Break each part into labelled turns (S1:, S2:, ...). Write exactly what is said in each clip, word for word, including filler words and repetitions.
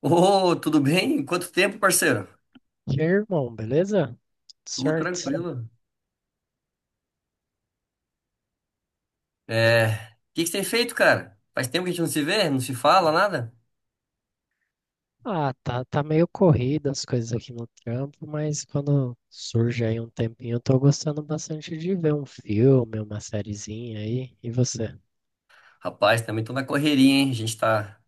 S1: Ô, tudo bem? Quanto tempo, parceiro?
S2: E aí, irmão, beleza?
S1: Tudo
S2: Certo.
S1: tranquilo. É, o que que você tem feito, cara? Faz tempo que a gente não se vê, não se fala, nada?
S2: Ah, tá, tá meio corrida as coisas aqui no trampo, mas quando surge aí um tempinho, eu tô gostando bastante de ver um filme, uma sériezinha aí. E você?
S1: Rapaz, também tô na correria, hein? A gente tá,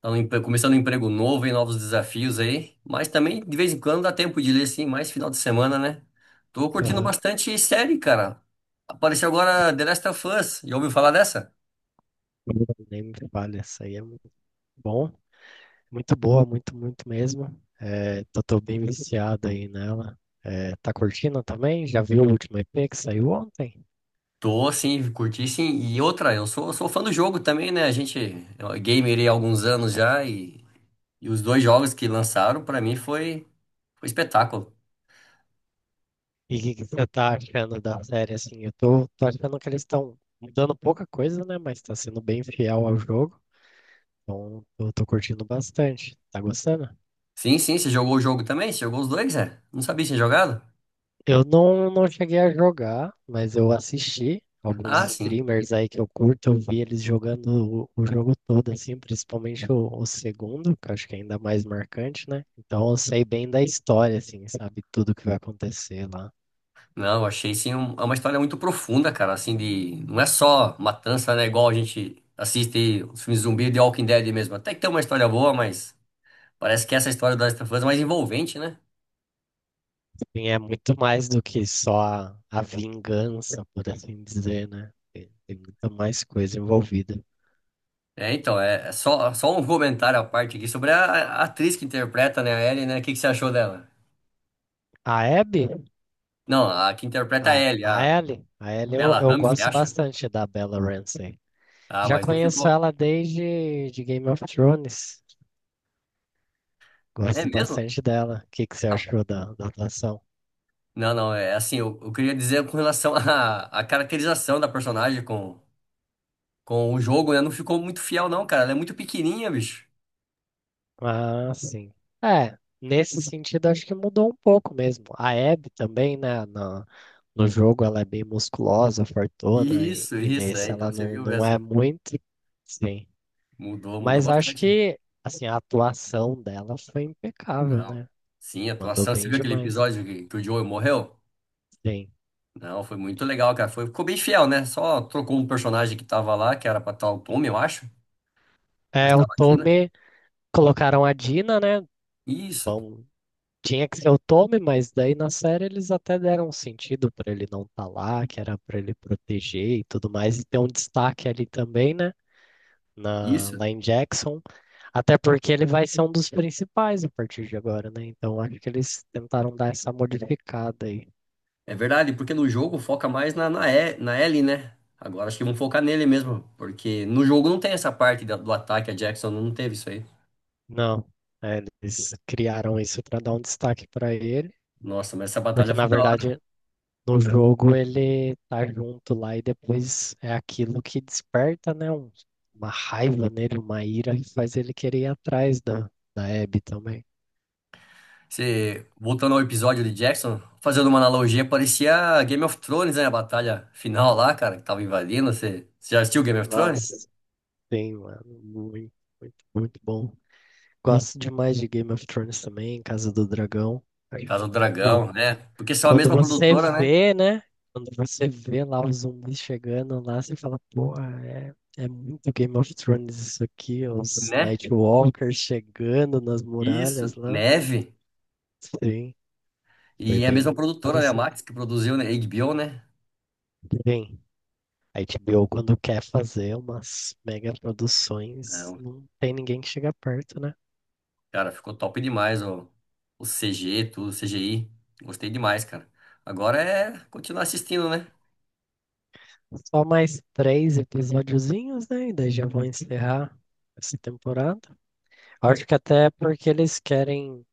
S1: tá no empre- começando um emprego novo, hein? Novos desafios aí. Mas também, de vez em quando, dá tempo de ler, assim, mais final de semana, né? Tô curtindo
S2: Aham.
S1: bastante série, cara. Apareceu agora The Last of Us. Já ouviu falar dessa?
S2: Nem me fale, essa aí é muito bom. Muito boa, muito, muito mesmo. É, tô, tô bem viciado aí nela. É, tá curtindo também? Já viu o último E P que saiu ontem?
S1: Tô, sim, curti sim. E outra, eu sou, sou fã do jogo também, né? A gente é gamer aí há alguns anos já e E os dois jogos que lançaram, pra mim, foi, foi espetáculo.
S2: E o que que você tá achando da série, assim? Eu tô, tô achando que eles estão mudando pouca coisa, né? Mas tá sendo bem fiel ao jogo. Então, eu tô curtindo bastante. Tá gostando?
S1: Sim, sim, você jogou o jogo também? Você jogou os dois, é? Não sabia que tinha jogado?
S2: Eu não, não cheguei a jogar, mas eu assisti alguns
S1: Ah, sim.
S2: streamers aí que eu curto. Eu vi eles jogando o, o jogo todo, assim, principalmente o, o segundo, que eu acho que é ainda mais marcante, né? Então, eu sei bem da história, assim, sabe? Tudo que vai acontecer lá.
S1: Não, achei sim um- é uma história muito profunda, cara, assim, de. Não é só matança, né? Igual a gente assiste os filmes zumbi de Walking Dead mesmo. Até que tem uma história boa, mas parece que essa história do Last of Us é mais envolvente, né?
S2: Sim, é muito mais do que só a, a vingança, por assim dizer, né? Tem, tem muita mais coisa envolvida.
S1: É, então, é, é só, só um comentário à parte aqui sobre a, a atriz que interpreta, né, a Ellie, né? O que que você achou dela?
S2: A Abby,
S1: Não, a que interpreta
S2: a,
S1: é a Ellie,
S2: a
S1: a
S2: Ellie, a Ellie eu,
S1: Bella
S2: eu
S1: Ramsey,
S2: gosto
S1: acho.
S2: bastante da Bella Ramsey.
S1: Ah,
S2: Já
S1: mas não
S2: conheço
S1: ficou.
S2: ela desde de Game of Thrones.
S1: É
S2: Gosto
S1: mesmo?
S2: bastante dela. O que que você
S1: Ah,
S2: achou da, da atuação?
S1: não, não, é assim, eu, eu queria dizer com relação à à caracterização da personagem com, com o jogo, né? Não ficou muito fiel, não, cara. Ela é muito pequenininha, bicho.
S2: Ah, sim. É, nesse sentido acho que mudou um pouco mesmo. A Abby também, né, na, no jogo ela é bem musculosa, fortuna, e,
S1: Isso,
S2: e
S1: isso, é.
S2: nesse
S1: Então
S2: ela
S1: você
S2: não,
S1: viu
S2: não é
S1: mesmo.
S2: muito. Sim.
S1: Mudou, mudou
S2: Mas acho
S1: bastante.
S2: que, assim, a atuação dela foi impecável,
S1: Não.
S2: né?
S1: Sim, a
S2: Mandou
S1: atuação. Você
S2: bem
S1: viu aquele
S2: demais.
S1: episódio que, que o Joel morreu?
S2: Sim.
S1: Não, foi muito legal, cara. Foi, ficou bem fiel, né? Só trocou um personagem que tava lá, que era pra tal Tommy, eu acho, mas
S2: É, o
S1: tava a Tina.
S2: Tommy, colocaram a Dina, né?
S1: Isso,
S2: Vão Tinha que ser o Tommy, mas daí na série eles até deram um sentido pra ele não estar lá, que era pra ele proteger e tudo mais, e ter um destaque ali também, né? Na,
S1: isso.
S2: lá em Jackson. Até porque ele vai ser um dos principais a partir de agora, né? Então acho que eles tentaram dar essa modificada aí.
S1: É verdade, porque no jogo foca mais na, na, E- na Ellie, né? Agora acho que vão focar nele mesmo, porque no jogo não tem essa parte da- do ataque, a Jackson não teve isso aí.
S2: Não, é, eles criaram isso pra dar um destaque pra ele,
S1: Nossa, mas essa
S2: porque
S1: batalha foi
S2: na
S1: da hora.
S2: verdade, no jogo ele tá junto lá e depois é aquilo que desperta, né? um- uma raiva nele, uma ira que faz ele querer ir atrás da, da Abby também.
S1: Você, voltando ao episódio de Jackson, fazendo uma analogia, parecia Game of Thrones, né? A batalha final lá, cara, que tava invadindo. Você, você já assistiu Game of Thrones?
S2: Nossa, sim, mano. Muito, muito, muito bom. Gosto demais de Game of Thrones também, Casa do Dragão. Acho
S1: Casa
S2: que.
S1: do Dragão, né? Porque são a
S2: Quando
S1: mesma
S2: você
S1: produtora, né?
S2: vê, né? Quando você vê lá os zumbis chegando lá, você fala, porra, é, é muito Game of Thrones isso aqui, os
S1: Né?
S2: Nightwalkers chegando nas muralhas
S1: Isso.
S2: lá.
S1: Neve.
S2: Sim, foi
S1: E é a mesma
S2: bem
S1: produtora, né? A
S2: parecido.
S1: Max, que produziu, né? H B O, né?
S2: Bem, a H B O quando quer fazer umas mega
S1: É
S2: produções,
S1: um
S2: não tem ninguém que chega perto, né?
S1: Cara, ficou top demais o, o C G, tudo, C G I. Gostei demais, cara. Agora é continuar assistindo, né?
S2: Só mais três episódiozinhos, né? E daí já vão encerrar essa temporada. Acho que até porque eles querem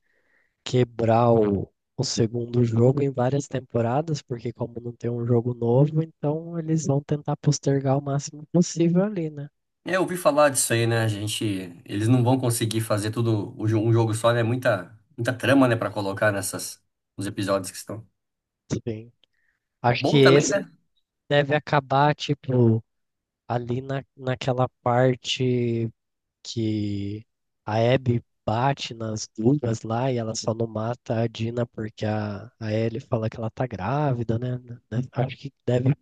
S2: quebrar o, o segundo jogo em várias temporadas, porque como não tem um jogo novo, então eles vão tentar postergar o máximo possível ali, né?
S1: É, eu ouvi falar disso aí, né? A gente, eles não vão conseguir fazer tudo o jo- um jogo só, né? Muita, muita trama, né, pra colocar nessas nos episódios que estão.
S2: Sim. Acho que
S1: Bom também,
S2: esse
S1: né?
S2: deve acabar, tipo, ali na, naquela parte que a Abby bate nas duas lá e ela só não mata a Dina porque a, a Ellie fala que ela tá grávida, né? Deve- Acho que deve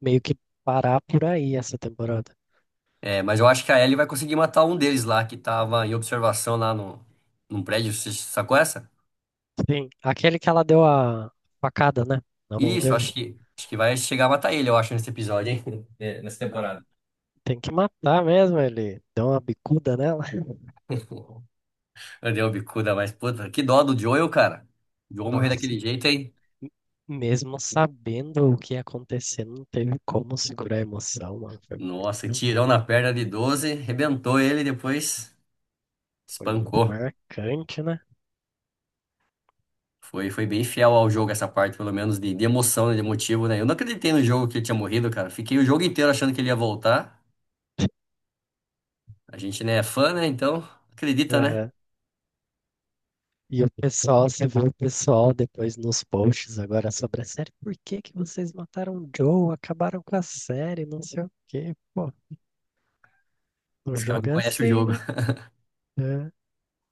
S2: meio que parar por aí essa temporada.
S1: É, mas eu acho que a Ellie vai conseguir matar um deles lá que tava em observação lá no num prédio, você sacou essa?
S2: Sim, aquele que ela deu a facada, né? Na mão
S1: Isso,
S2: dele.
S1: acho que acho que vai chegar a matar ele, eu acho, nesse episódio, hein? É, nessa
S2: Ah,
S1: temporada.
S2: tem que matar mesmo, ele deu uma bicuda nela.
S1: Eu dei uma bicuda, mas puta, que dó do Joel, cara. O Joel morrer
S2: Nossa,
S1: daquele jeito, hein?
S2: mesmo sabendo o que ia acontecer, não teve como segurar a emoção, mano. Foi
S1: Nossa,
S2: muito,
S1: tirão na perna de doze rebentou ele e depois
S2: foi muito
S1: espancou.
S2: marcante, né?
S1: Foi, foi bem fiel ao jogo essa parte, pelo menos de, de emoção, né, de motivo, né? Eu não acreditei no jogo que ele tinha morrido, cara. Fiquei o jogo inteiro achando que ele ia voltar. A gente, né, é fã, né? Então, acredita, né?
S2: Aham. E o pessoal, você viu o pessoal depois nos posts agora sobre a série, por que que vocês mataram o Joe, acabaram com a série, não sei o quê. Pô, o
S1: Os caras não
S2: jogo é
S1: conhecem o
S2: assim,
S1: jogo.
S2: né? É.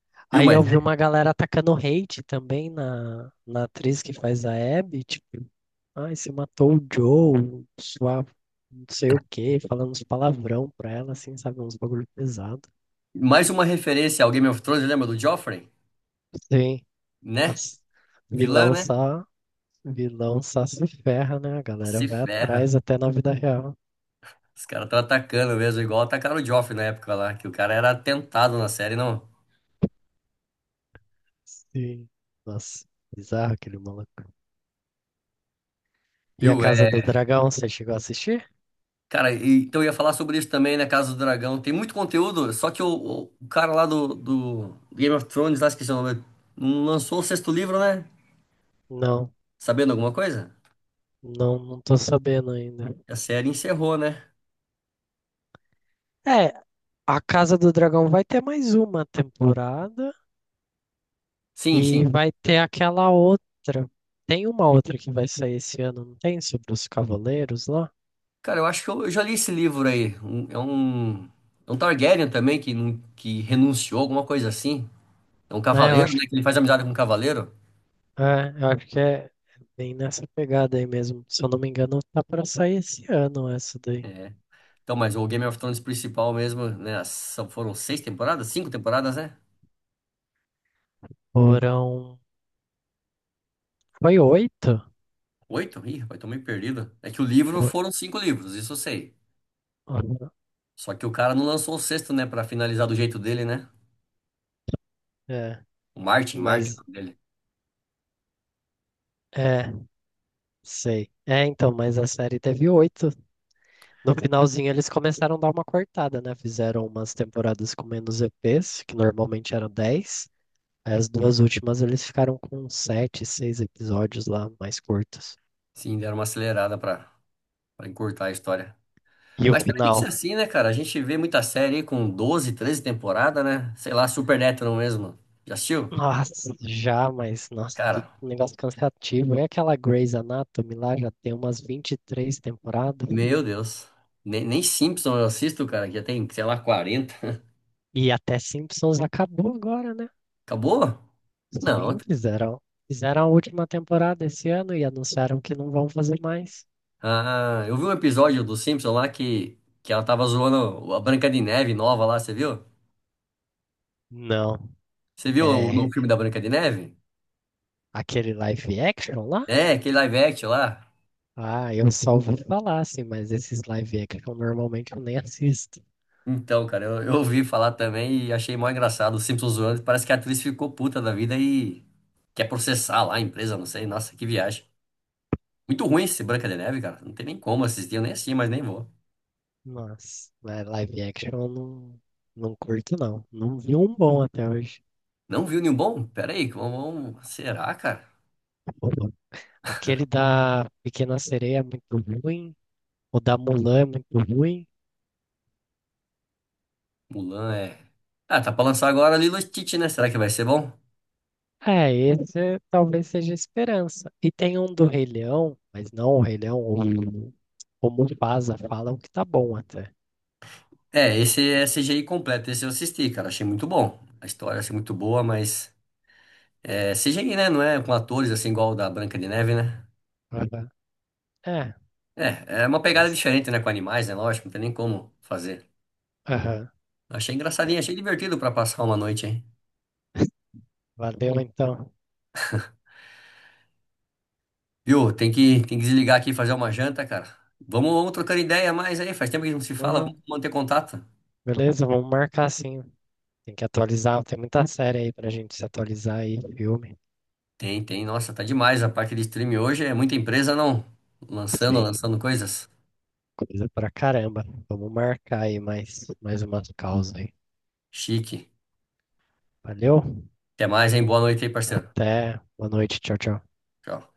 S1: Viu,
S2: Aí eu
S1: mas
S2: vi
S1: né?
S2: uma galera atacando hate também na, na atriz que faz a Abby, tipo, ai, você matou o Joe, sua não sei o quê, falando uns palavrão pra ela, assim, sabe, uns bagulho pesado.
S1: Mais uma referência ao Game of Thrones, lembra do Joffrey?
S2: Sim,
S1: Né?
S2: nossa,
S1: Vilã,
S2: vilão
S1: né?
S2: só, vilão só se ferra, né? A galera
S1: Se
S2: vai
S1: ferra.
S2: atrás até na vida real.
S1: Os caras estão atacando mesmo, igual atacaram o Joffrey na época lá, que o cara era atentado na série, não.
S2: Sim, nossa, bizarro aquele maluco. E a
S1: Viu?
S2: Casa
S1: É,
S2: do Dragão, você chegou a assistir?
S1: cara, e- então eu ia falar sobre isso também na Casa do Dragão. Tem muito conteúdo, só que o, o- o cara lá do, do Game of Thrones, lá esqueci o nome, não lançou o sexto livro, né?
S2: Não,
S1: Sabendo alguma coisa?
S2: não, não tô sabendo ainda.
S1: A série encerrou, né?
S2: É, a Casa do Dragão vai ter mais uma temporada
S1: Sim,
S2: e
S1: sim.
S2: vai ter aquela outra. Tem uma outra que vai sair esse ano, não tem? Sobre os cavaleiros lá?
S1: Cara, eu acho que eu, eu já li esse livro aí. Um- é um, é um Targaryen também que, não- que renunciou, alguma coisa assim. É um
S2: Né, eu
S1: cavaleiro,
S2: acho,
S1: né? Que ele faz amizade com um cavaleiro.
S2: é, eu acho que é bem nessa pegada aí mesmo. Se eu não me engano, tá pra sair esse ano essa daí.
S1: É, então, mas o Game of Thrones principal mesmo, né? as- são- Foram seis temporadas? Cinco temporadas, né?
S2: Foram. Foi oito?
S1: Oito? Ih, rapaz, tô meio perdido. É que o livro
S2: Fo-
S1: foram cinco livros, isso eu sei. Só que o cara não lançou o sexto, né? Pra finalizar do jeito dele, né?
S2: É,
S1: O Martin, Martin, o
S2: mas.
S1: nome dele.
S2: É, sei. É, então, mas a série teve oito. No finalzinho eles começaram a dar uma cortada, né? Fizeram umas temporadas com menos E Ps, que normalmente eram dez. Aí as duas últimas eles ficaram com sete, seis episódios lá, mais curtos.
S1: Sim, deram uma acelerada pra, pra encurtar a história.
S2: E o
S1: Mas também tem
S2: final?
S1: que ser assim, né, cara? A gente vê muita série aí com doze, treze temporadas, né? Sei lá, Supernatural mesmo. Já assistiu?
S2: Nossa, já, mas nossa,
S1: Cara,
S2: que negócio cansativo. É aquela Grey's Anatomy lá, já tem umas vinte e três temporadas.
S1: meu Deus. Nem, nem Simpson eu assisto, cara, que já tem, sei lá, quarenta.
S2: E até Simpsons acabou agora, né?
S1: Acabou? Não,
S2: Sim, fizeram, fizeram a última temporada esse ano e anunciaram que não vão fazer mais.
S1: ah, eu vi um episódio do Simpson lá que, que ela tava zoando a Branca de Neve nova lá, você viu?
S2: Não.
S1: Você viu o no
S2: É,
S1: filme da Branca de Neve?
S2: aquele live action lá?
S1: É, aquele live action lá.
S2: Ah, eu só ouvi falar, assim, mas esses live action normalmente eu nem assisto.
S1: Então, cara, eu, eu ouvi falar também e achei mó engraçado. O Simpsons zoando, parece que a atriz ficou puta da vida e quer processar lá a empresa, não sei. Nossa, que viagem. Muito ruim esse Branca de Neve, cara. Não tem nem como assistir, eu nem assisti, mas nem vou.
S2: Mas, né, live action eu não, não curto, não. Não vi um bom até hoje.
S1: Não viu nenhum bom? Pera aí, vamos... vamos- Será, cara?
S2: Aquele da Pequena Sereia é muito ruim. O da Mulan é muito ruim.
S1: Mulan é. Ah, tá pra lançar agora Lilo e Stitch, né? Será que vai ser bom?
S2: É, esse talvez seja a esperança. E tem um do Rei Leão, mas não o Rei Leão, o, o Mufasa falam que tá bom até.
S1: É, esse é C G I completo, esse eu assisti, cara, achei muito bom. A história achei muito boa, mas é C G I, né? Não é com atores assim igual o da Branca de Neve, né?
S2: Aham. É,
S1: É, é uma pegada
S2: mas,
S1: diferente, né? Com animais, né? Lógico, não tem nem como fazer.
S2: aham,
S1: Achei
S2: é.
S1: engraçadinho, achei divertido pra passar uma noite aí.
S2: Valeu então.
S1: Viu? Tem que, tem que desligar aqui e fazer uma janta, cara. Vamos, vamos trocando ideia mais aí, faz tempo que a gente não se fala,
S2: Demorou?
S1: vamos manter contato.
S2: Beleza, vamos marcar sim. Tem que atualizar, tem muita série aí pra gente se atualizar aí, filme.
S1: Tem, tem, nossa, tá demais a parte de streaming hoje, é muita empresa não lançando,
S2: Tem
S1: lançando coisas.
S2: coisa pra caramba. Vamos marcar aí mais, mais, umas causas aí.
S1: Chique.
S2: Valeu?
S1: Até mais, hein? Boa noite aí, parceiro.
S2: Até. Boa noite. Tchau, tchau.
S1: Tchau.